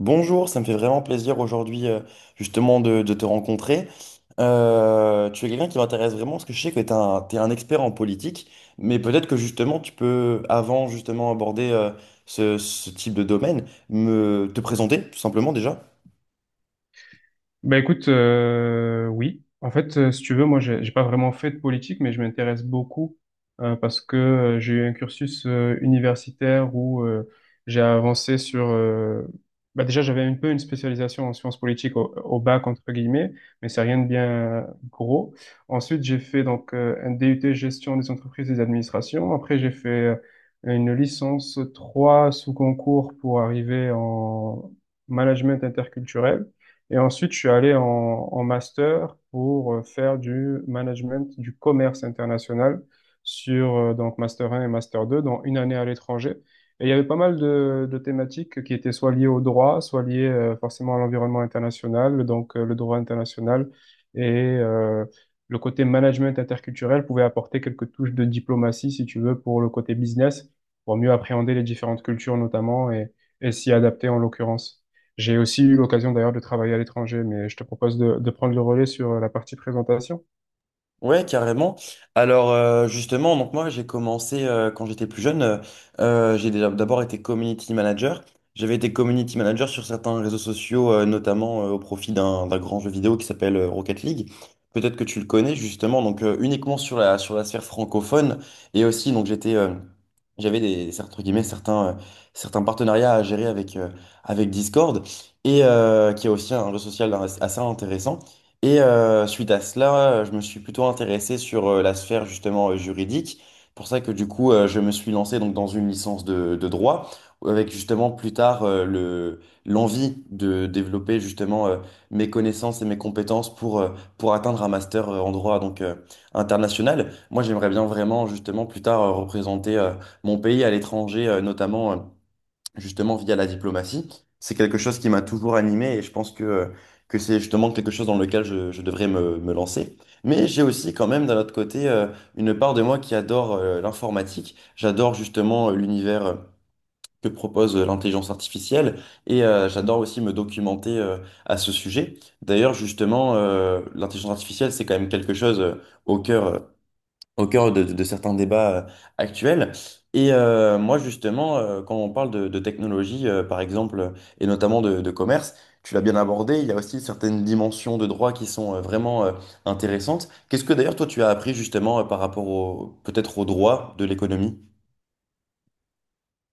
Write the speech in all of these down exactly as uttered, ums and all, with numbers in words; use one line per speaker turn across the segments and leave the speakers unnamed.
Bonjour, ça me fait vraiment plaisir aujourd'hui euh, justement de, de te rencontrer. Euh, tu es quelqu'un qui m'intéresse vraiment parce que je sais que tu es un, t'es un expert en politique, mais peut-être que justement tu peux, avant justement aborder euh, ce, ce type de domaine, me te présenter tout simplement déjà.
Ben écoute, euh, oui. En fait, euh, si tu veux, moi, j'ai j'ai pas vraiment fait de politique, mais je m'intéresse beaucoup euh, parce que euh, j'ai eu un cursus euh, universitaire où euh, j'ai avancé sur. Euh, Bah déjà, j'avais un peu une spécialisation en sciences politiques au, au bac entre guillemets, mais c'est rien de bien gros. Ensuite, j'ai fait donc euh, un D U T gestion des entreprises et des administrations. Après, j'ai fait euh, une licence trois sous concours pour arriver en management interculturel. Et ensuite, je suis allé en, en master pour euh, faire du management du commerce international sur euh, donc master un et master deux, dans une année à l'étranger. Et il y avait pas mal de, de thématiques qui étaient soit liées au droit, soit liées euh, forcément à l'environnement international, donc euh, le droit international et euh, le côté management interculturel pouvait apporter quelques touches de diplomatie, si tu veux, pour le côté business, pour mieux appréhender les différentes cultures notamment et, et s'y adapter en l'occurrence. J'ai aussi eu l'occasion d'ailleurs de travailler à l'étranger, mais je te propose de, de prendre le relais sur la partie présentation.
Ouais, carrément. Alors euh, justement, donc moi j'ai commencé euh, quand j'étais plus jeune, euh, euh, j'ai déjà- d'abord été community manager. J'avais été community manager sur certains réseaux sociaux, euh, notamment euh, au profit d'un d'un grand jeu vidéo qui s'appelle euh, Rocket League. Peut-être que tu le connais justement, donc euh, uniquement sur la sur la sphère francophone et aussi donc j'étais euh, j'avais des entre guillemets certains euh, certains partenariats à gérer avec euh, avec Discord et euh, qui est aussi un réseau social assez intéressant. Et euh, suite à cela, euh, je me suis plutôt intéressé sur euh, la sphère justement euh, juridique. Pour ça que du coup, euh, je me suis lancé donc dans une licence de, de droit, avec justement plus tard euh, le l'envie de développer justement euh, mes connaissances et mes compétences pour euh, pour atteindre un master euh, en droit donc euh, international. Moi, j'aimerais bien vraiment justement plus tard euh, représenter euh, mon pays à l'étranger, euh, notamment. Euh, justement via la diplomatie. C'est quelque chose qui m'a toujours animé et je pense que, que c'est justement quelque chose dans lequel je, je devrais me, me lancer. Mais j'ai aussi quand même d'un autre côté euh, une part de moi qui adore euh, l'informatique. J'adore justement euh, l'univers euh, que propose euh, l'intelligence artificielle et euh, j'adore aussi me documenter euh, à ce sujet. D'ailleurs, justement, euh, l'intelligence artificielle, c'est quand même quelque chose euh, au cœur. euh, au cœur de, de certains débats euh, actuels. Et euh, moi, justement, euh, quand on parle de, de technologie, euh, par exemple, euh, et notamment de, de commerce, tu l'as bien abordé, il y a aussi certaines dimensions de droit qui sont euh, vraiment euh, intéressantes. Qu'est-ce que d'ailleurs, toi, tu as appris justement euh, par rapport au, peut-être au droit de l'économie?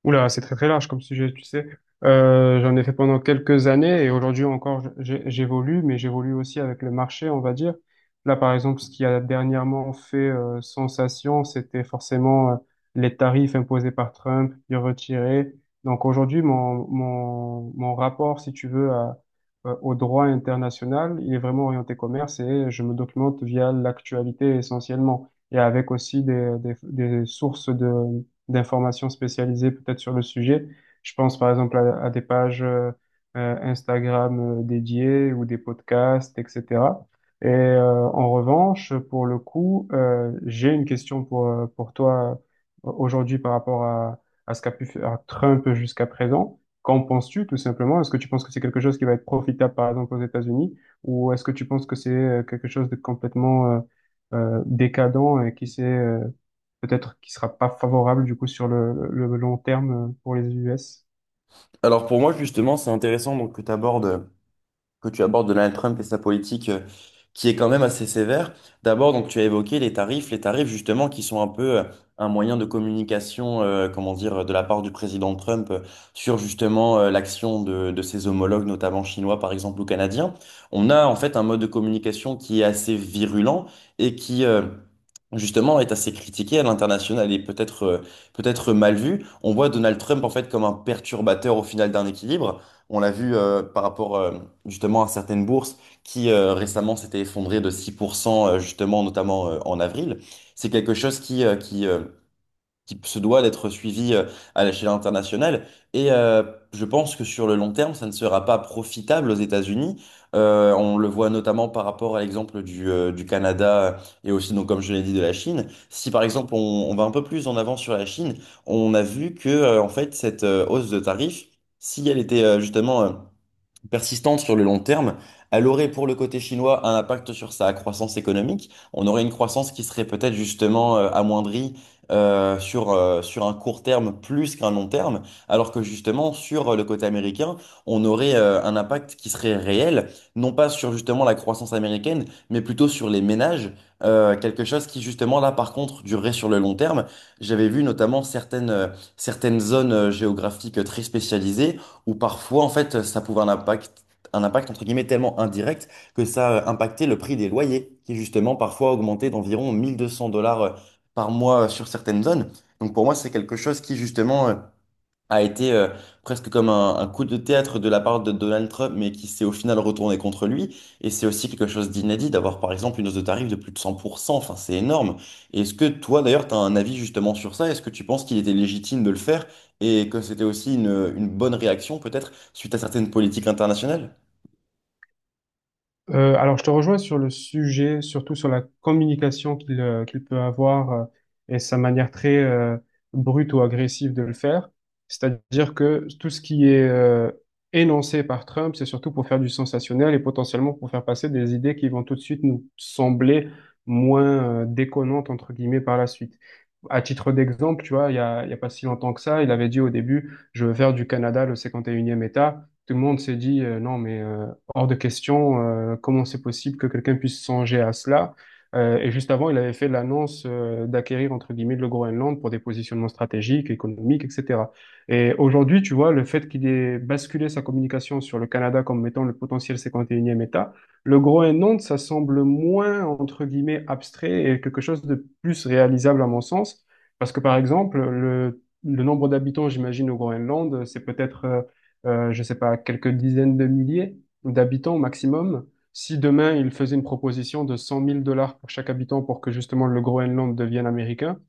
Oula, c'est très très large comme sujet, tu sais. Euh, j'en ai fait pendant quelques années et aujourd'hui encore j'ai- j'évolue, mais j'évolue aussi avec le marché, on va dire. Là, par exemple, ce qui a dernièrement fait euh, sensation, c'était forcément euh, les tarifs imposés par Trump, puis retirés. Donc aujourd'hui, mon, mon, mon rapport, si tu veux, à- euh, au droit international, il est vraiment orienté commerce et je me documente via l'actualité essentiellement et avec aussi des, des, des sources d'informations spécialisées peut-être sur le sujet. Je pense par exemple à, à des pages euh, euh, Instagram euh, dédiées ou des podcasts, et cetera. Et euh, en revanche, pour le coup, euh, j'ai une question pour, euh, pour toi euh, aujourd'hui par rapport à, à ce qu'a pu faire Trump jusqu'à présent. Qu'en penses-tu tout simplement? Est-ce que tu penses que c'est quelque chose qui va être profitable par exemple aux États-Unis ou est-ce que tu penses que c'est euh, quelque chose de complètement euh, euh, décadent et qui s'est euh, peut-être qui sera pas favorable du coup sur le, le long terme euh, pour les U S.
Alors pour moi, justement, c'est intéressant donc, que tu abordes que tu abordes Donald Trump et sa politique euh, qui est quand même assez sévère. D'abord, donc tu as évoqué les tarifs, les tarifs justement qui sont un peu euh, un moyen de communication, euh, comment dire, de la part du président Trump euh, sur justement euh, l'action de, de ses homologues, notamment chinois par exemple ou canadiens. On a en fait un mode de communication qui est assez virulent et qui euh, justement est assez critiqué à l'international et peut-être euh, peut-être mal vu. On voit Donald Trump en fait comme un perturbateur au final d'un équilibre. On l'a vu euh, par rapport euh, justement à certaines bourses qui euh, récemment s'étaient effondrées de six pour cent euh, justement notamment euh, en avril. C'est quelque chose qui, euh, qui, euh, qui se doit d'être suivi euh, à l'échelle internationale et euh, je pense que sur le long terme, ça ne sera pas profitable aux États-Unis. Euh, on le voit notamment par rapport à l'exemple du, euh, du Canada et aussi donc comme je l'ai dit de la Chine. Si par exemple on, on va un peu plus en avant sur la Chine, on a vu que euh, en fait cette euh, hausse de tarifs, si elle était euh, justement euh, persistante sur le long terme, elle aurait pour le côté chinois un impact sur sa croissance économique. On aurait une croissance qui serait peut-être justement euh, amoindrie euh, sur, euh, sur un court terme plus qu'un long terme, alors que justement sur euh, le côté américain, on aurait euh, un impact qui serait réel, non pas sur justement la croissance américaine, mais plutôt sur les ménages. Euh, quelque chose qui justement là par contre durerait sur le long terme. J'avais vu notamment certaines, euh, certaines zones euh, géographiques euh, très spécialisées où parfois, en fait, ça pouvait un impact, un impact, entre guillemets, tellement indirect que ça euh, impactait le prix des loyers, qui justement, parfois, augmentait d'environ mille deux cents dollars euh, par mois euh, sur certaines zones. Donc, pour moi, c'est quelque chose qui, justement, euh, a été euh, presque comme un, un coup de théâtre de la part de Donald Trump, mais qui s'est au final retourné contre lui. Et c'est aussi quelque chose d'inédit d'avoir, par exemple, une hausse de tarif de plus de cent pour cent. Enfin, c'est énorme. Et est-ce que toi, d'ailleurs, tu as un avis justement sur ça? Est-ce que tu penses qu'il était légitime de le faire et que c'était aussi une, une bonne réaction, peut-être, suite à certaines politiques internationales?
Euh, alors, je te rejoins sur le sujet, surtout sur la communication qu'il euh, qu'il peut avoir euh, et sa manière très euh, brute ou agressive de le faire. C'est-à-dire que tout ce qui est euh, énoncé par Trump, c'est surtout pour faire du sensationnel et potentiellement pour faire passer des idées qui vont tout de suite nous sembler moins euh, déconnantes, entre guillemets, par la suite. À titre d'exemple, tu vois, il y a, il y a pas si longtemps que ça, il avait dit au début, je veux faire du Canada le cinquante et unième État. Tout le monde s'est dit, euh, non, mais... euh, hors de question, euh, comment c'est possible que quelqu'un puisse songer à cela. Euh, et juste avant, il avait fait l'annonce euh, d'acquérir, entre guillemets, le Groenland pour des positionnements stratégiques, économiques, et cetera. Et aujourd'hui, tu vois, le fait qu'il ait basculé sa communication sur le Canada comme étant le potentiel cinquante et unième État, le Groenland, ça semble moins, entre guillemets, abstrait et quelque chose de plus réalisable à mon sens. Parce que, par exemple, le, le nombre d'habitants, j'imagine, au Groenland, c'est peut-être, euh, euh, je sais pas, quelques dizaines de milliers d'habitants au maximum. Si demain, ils faisaient une proposition de cent mille dollars pour chaque habitant pour que justement le Groenland devienne américain,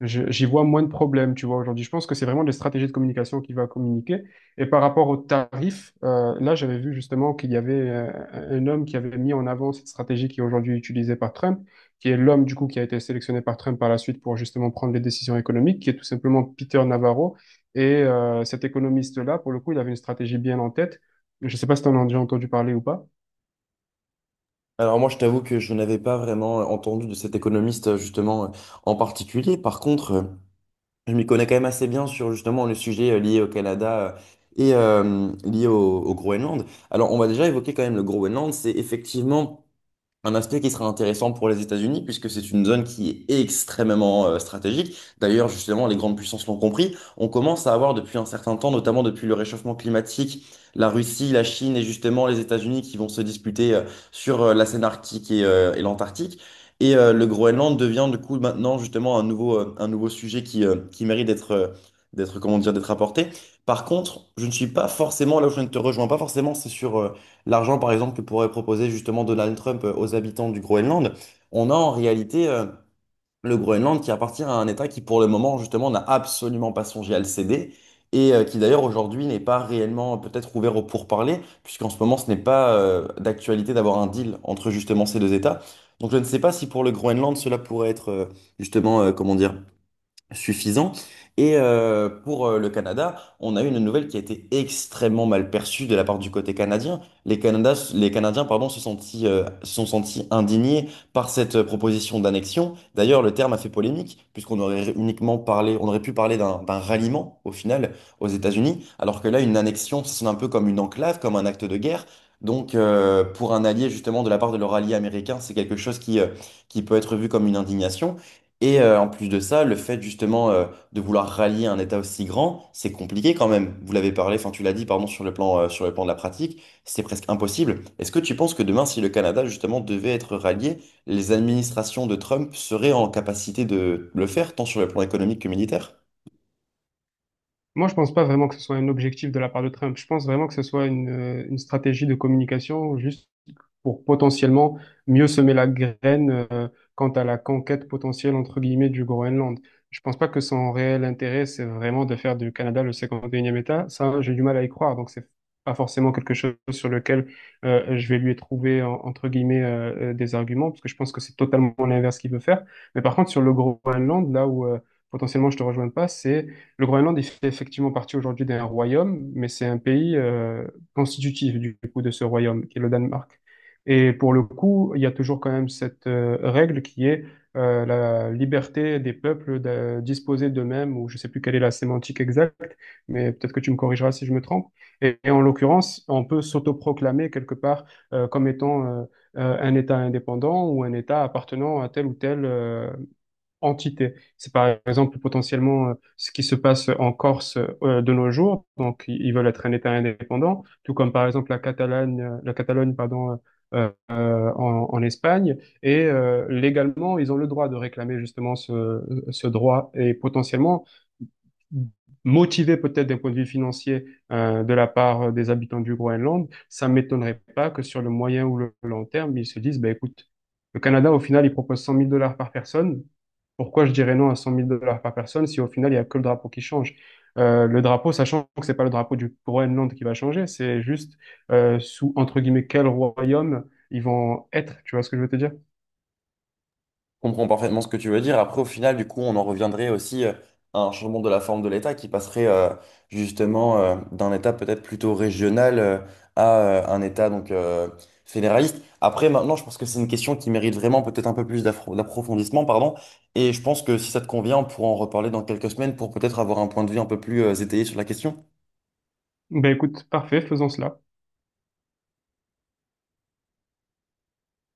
je- J'y vois moins de problèmes, tu vois, aujourd'hui. Je pense que c'est vraiment les stratégies de communication qui va communiquer. Et par rapport aux tarifs, euh, là, j'avais vu justement qu'il y avait euh, un homme qui avait mis en avant cette stratégie qui est aujourd'hui utilisée par Trump, qui est l'homme, du coup, qui a été sélectionné par Trump par la suite pour justement prendre les décisions économiques, qui est tout simplement Peter Navarro. Et euh, cet économiste-là, pour le coup, il avait une stratégie bien en tête. Je ne sais pas si tu en as déjà entendu parler ou pas.
Alors moi, je t'avoue que je n'avais pas vraiment entendu de cet économiste euh, justement euh, en particulier. Par contre, euh, je m'y connais quand même assez bien sur justement le sujet euh, lié au Canada euh, et euh, lié au, au Groenland. Alors, on va déjà évoquer quand même le Groenland. C'est effectivement un aspect qui sera intéressant pour les États-Unis, puisque c'est une zone qui est extrêmement euh, stratégique. D'ailleurs, justement, les grandes puissances l'ont compris. On commence à avoir depuis un certain temps, notamment depuis le réchauffement climatique, la Russie, la Chine et justement les États-Unis qui vont se disputer euh, sur euh, la scène arctique et, euh, et l'Antarctique. Et euh, le Groenland devient du coup maintenant justement un nouveau, euh, un nouveau sujet qui, euh, qui mérite d'être, euh, d'être, comment dire, d'être apporté. Par contre, je ne suis pas forcément là où je ne te rejoins pas forcément, c'est sur euh, l'argent, par exemple, que pourrait proposer justement Donald Trump euh, aux habitants du Groenland, on a en réalité euh, le Groenland qui appartient à un État qui, pour le moment, justement, n'a absolument pas songé à le céder. Et euh, qui d'ailleurs aujourd'hui n'est pas réellement euh, peut-être ouvert aux pourparlers, puisqu'en ce moment ce n'est pas euh, d'actualité d'avoir un deal entre justement ces deux États. Donc je ne sais pas si pour le Groenland cela pourrait être euh, justement, euh, comment dire, suffisant. Et euh, pour euh, le Canada, on a eu une nouvelle qui a été extrêmement mal perçue de la part du côté canadien. Les Canada- les Canadiens, pardon, se sentis, euh, se sont sentis indignés par cette euh, proposition d'annexion. D'ailleurs, le terme a fait polémique, puisqu'on aurait uniquement parlé, on aurait pu parler d'un d'un ralliement, au final, aux États-Unis, alors que là, une annexion, ça sonne un peu comme une enclave, comme un acte de guerre. Donc, euh, pour un allié, justement, de la part de leur allié américain, c'est quelque chose qui, euh, qui peut être vu comme une indignation. Et euh, en plus de ça, le fait justement euh, de vouloir rallier un État aussi grand, c'est compliqué quand même. Vous l'avez parlé, enfin tu l'as dit, pardon, sur le plan, euh, sur le plan de la pratique, c'est presque impossible. Est-ce que tu penses que demain, si le Canada justement devait être rallié, les administrations de Trump seraient en capacité de le faire, tant sur le plan économique que militaire?
Moi, je pense pas vraiment que ce soit un objectif de la part de Trump. Je pense vraiment que ce soit une, euh, une stratégie de communication juste pour potentiellement mieux semer la graine euh, quant à la conquête potentielle, entre guillemets, du Groenland. Je pense pas que son réel intérêt, c'est vraiment de faire du Canada le cinquante et unième État. Ça, j'ai du mal à y croire. Donc, c'est pas forcément quelque chose sur lequel euh, je vais lui trouver, en- entre guillemets, euh, euh, des arguments, parce que je pense que c'est totalement l'inverse qu'il veut faire. Mais par contre, sur le Groenland, là où euh, potentiellement je te rejoins pas, c'est le Groenland, il fait effectivement partie aujourd'hui d'un royaume, mais c'est un pays euh, constitutif du coup de ce royaume, qui est le Danemark. Et pour le coup, il y a toujours quand même cette euh, règle qui est euh, la liberté des peuples de disposer d'eux-mêmes, ou je sais plus quelle est la sémantique exacte, mais peut-être que tu me corrigeras si je me trompe. Et, et en l'occurrence, on peut s'autoproclamer quelque part euh, comme étant euh, euh, un État indépendant ou un État appartenant à tel ou tel euh, entité. C'est par exemple potentiellement euh, ce qui se passe en Corse euh, de nos jours. Donc, i- ils veulent être un État indépendant, tout comme par exemple la Catalogne, euh, la Catalogne, pardon, euh, euh, en, en Espagne. Et euh, légalement, ils ont le droit de réclamer justement ce, ce droit. Et potentiellement, motivé peut-être d'un point de vue financier euh, de la part des habitants du Groenland, ça m'étonnerait pas que sur le moyen ou le long terme, ils se disent, ben écoute, le Canada, au final, il propose cent mille dollars par personne. Pourquoi je dirais non à cent mille dollars par personne si au final, il n'y a que le drapeau qui change? Euh, le drapeau, sachant que c'est pas le drapeau du Groenland qui va changer, c'est juste euh, sous, entre guillemets, quel royaume ils vont être. Tu vois ce que je veux te dire?
Comprends parfaitement ce que tu veux dire. Après, au final, du coup, on en reviendrait aussi euh, à un changement de la forme de l'État qui passerait euh, justement euh, d'un État peut-être plutôt régional euh, à euh, un État donc euh, fédéraliste. Après, maintenant, je pense que c'est une question qui mérite vraiment peut-être un peu plus d'affro- d'approfondissement, pardon. Et je pense que si ça te convient, on pourra en reparler dans quelques semaines pour peut-être avoir un point de vue un peu plus euh, étayé sur la question.
Ben écoute, parfait, faisons cela.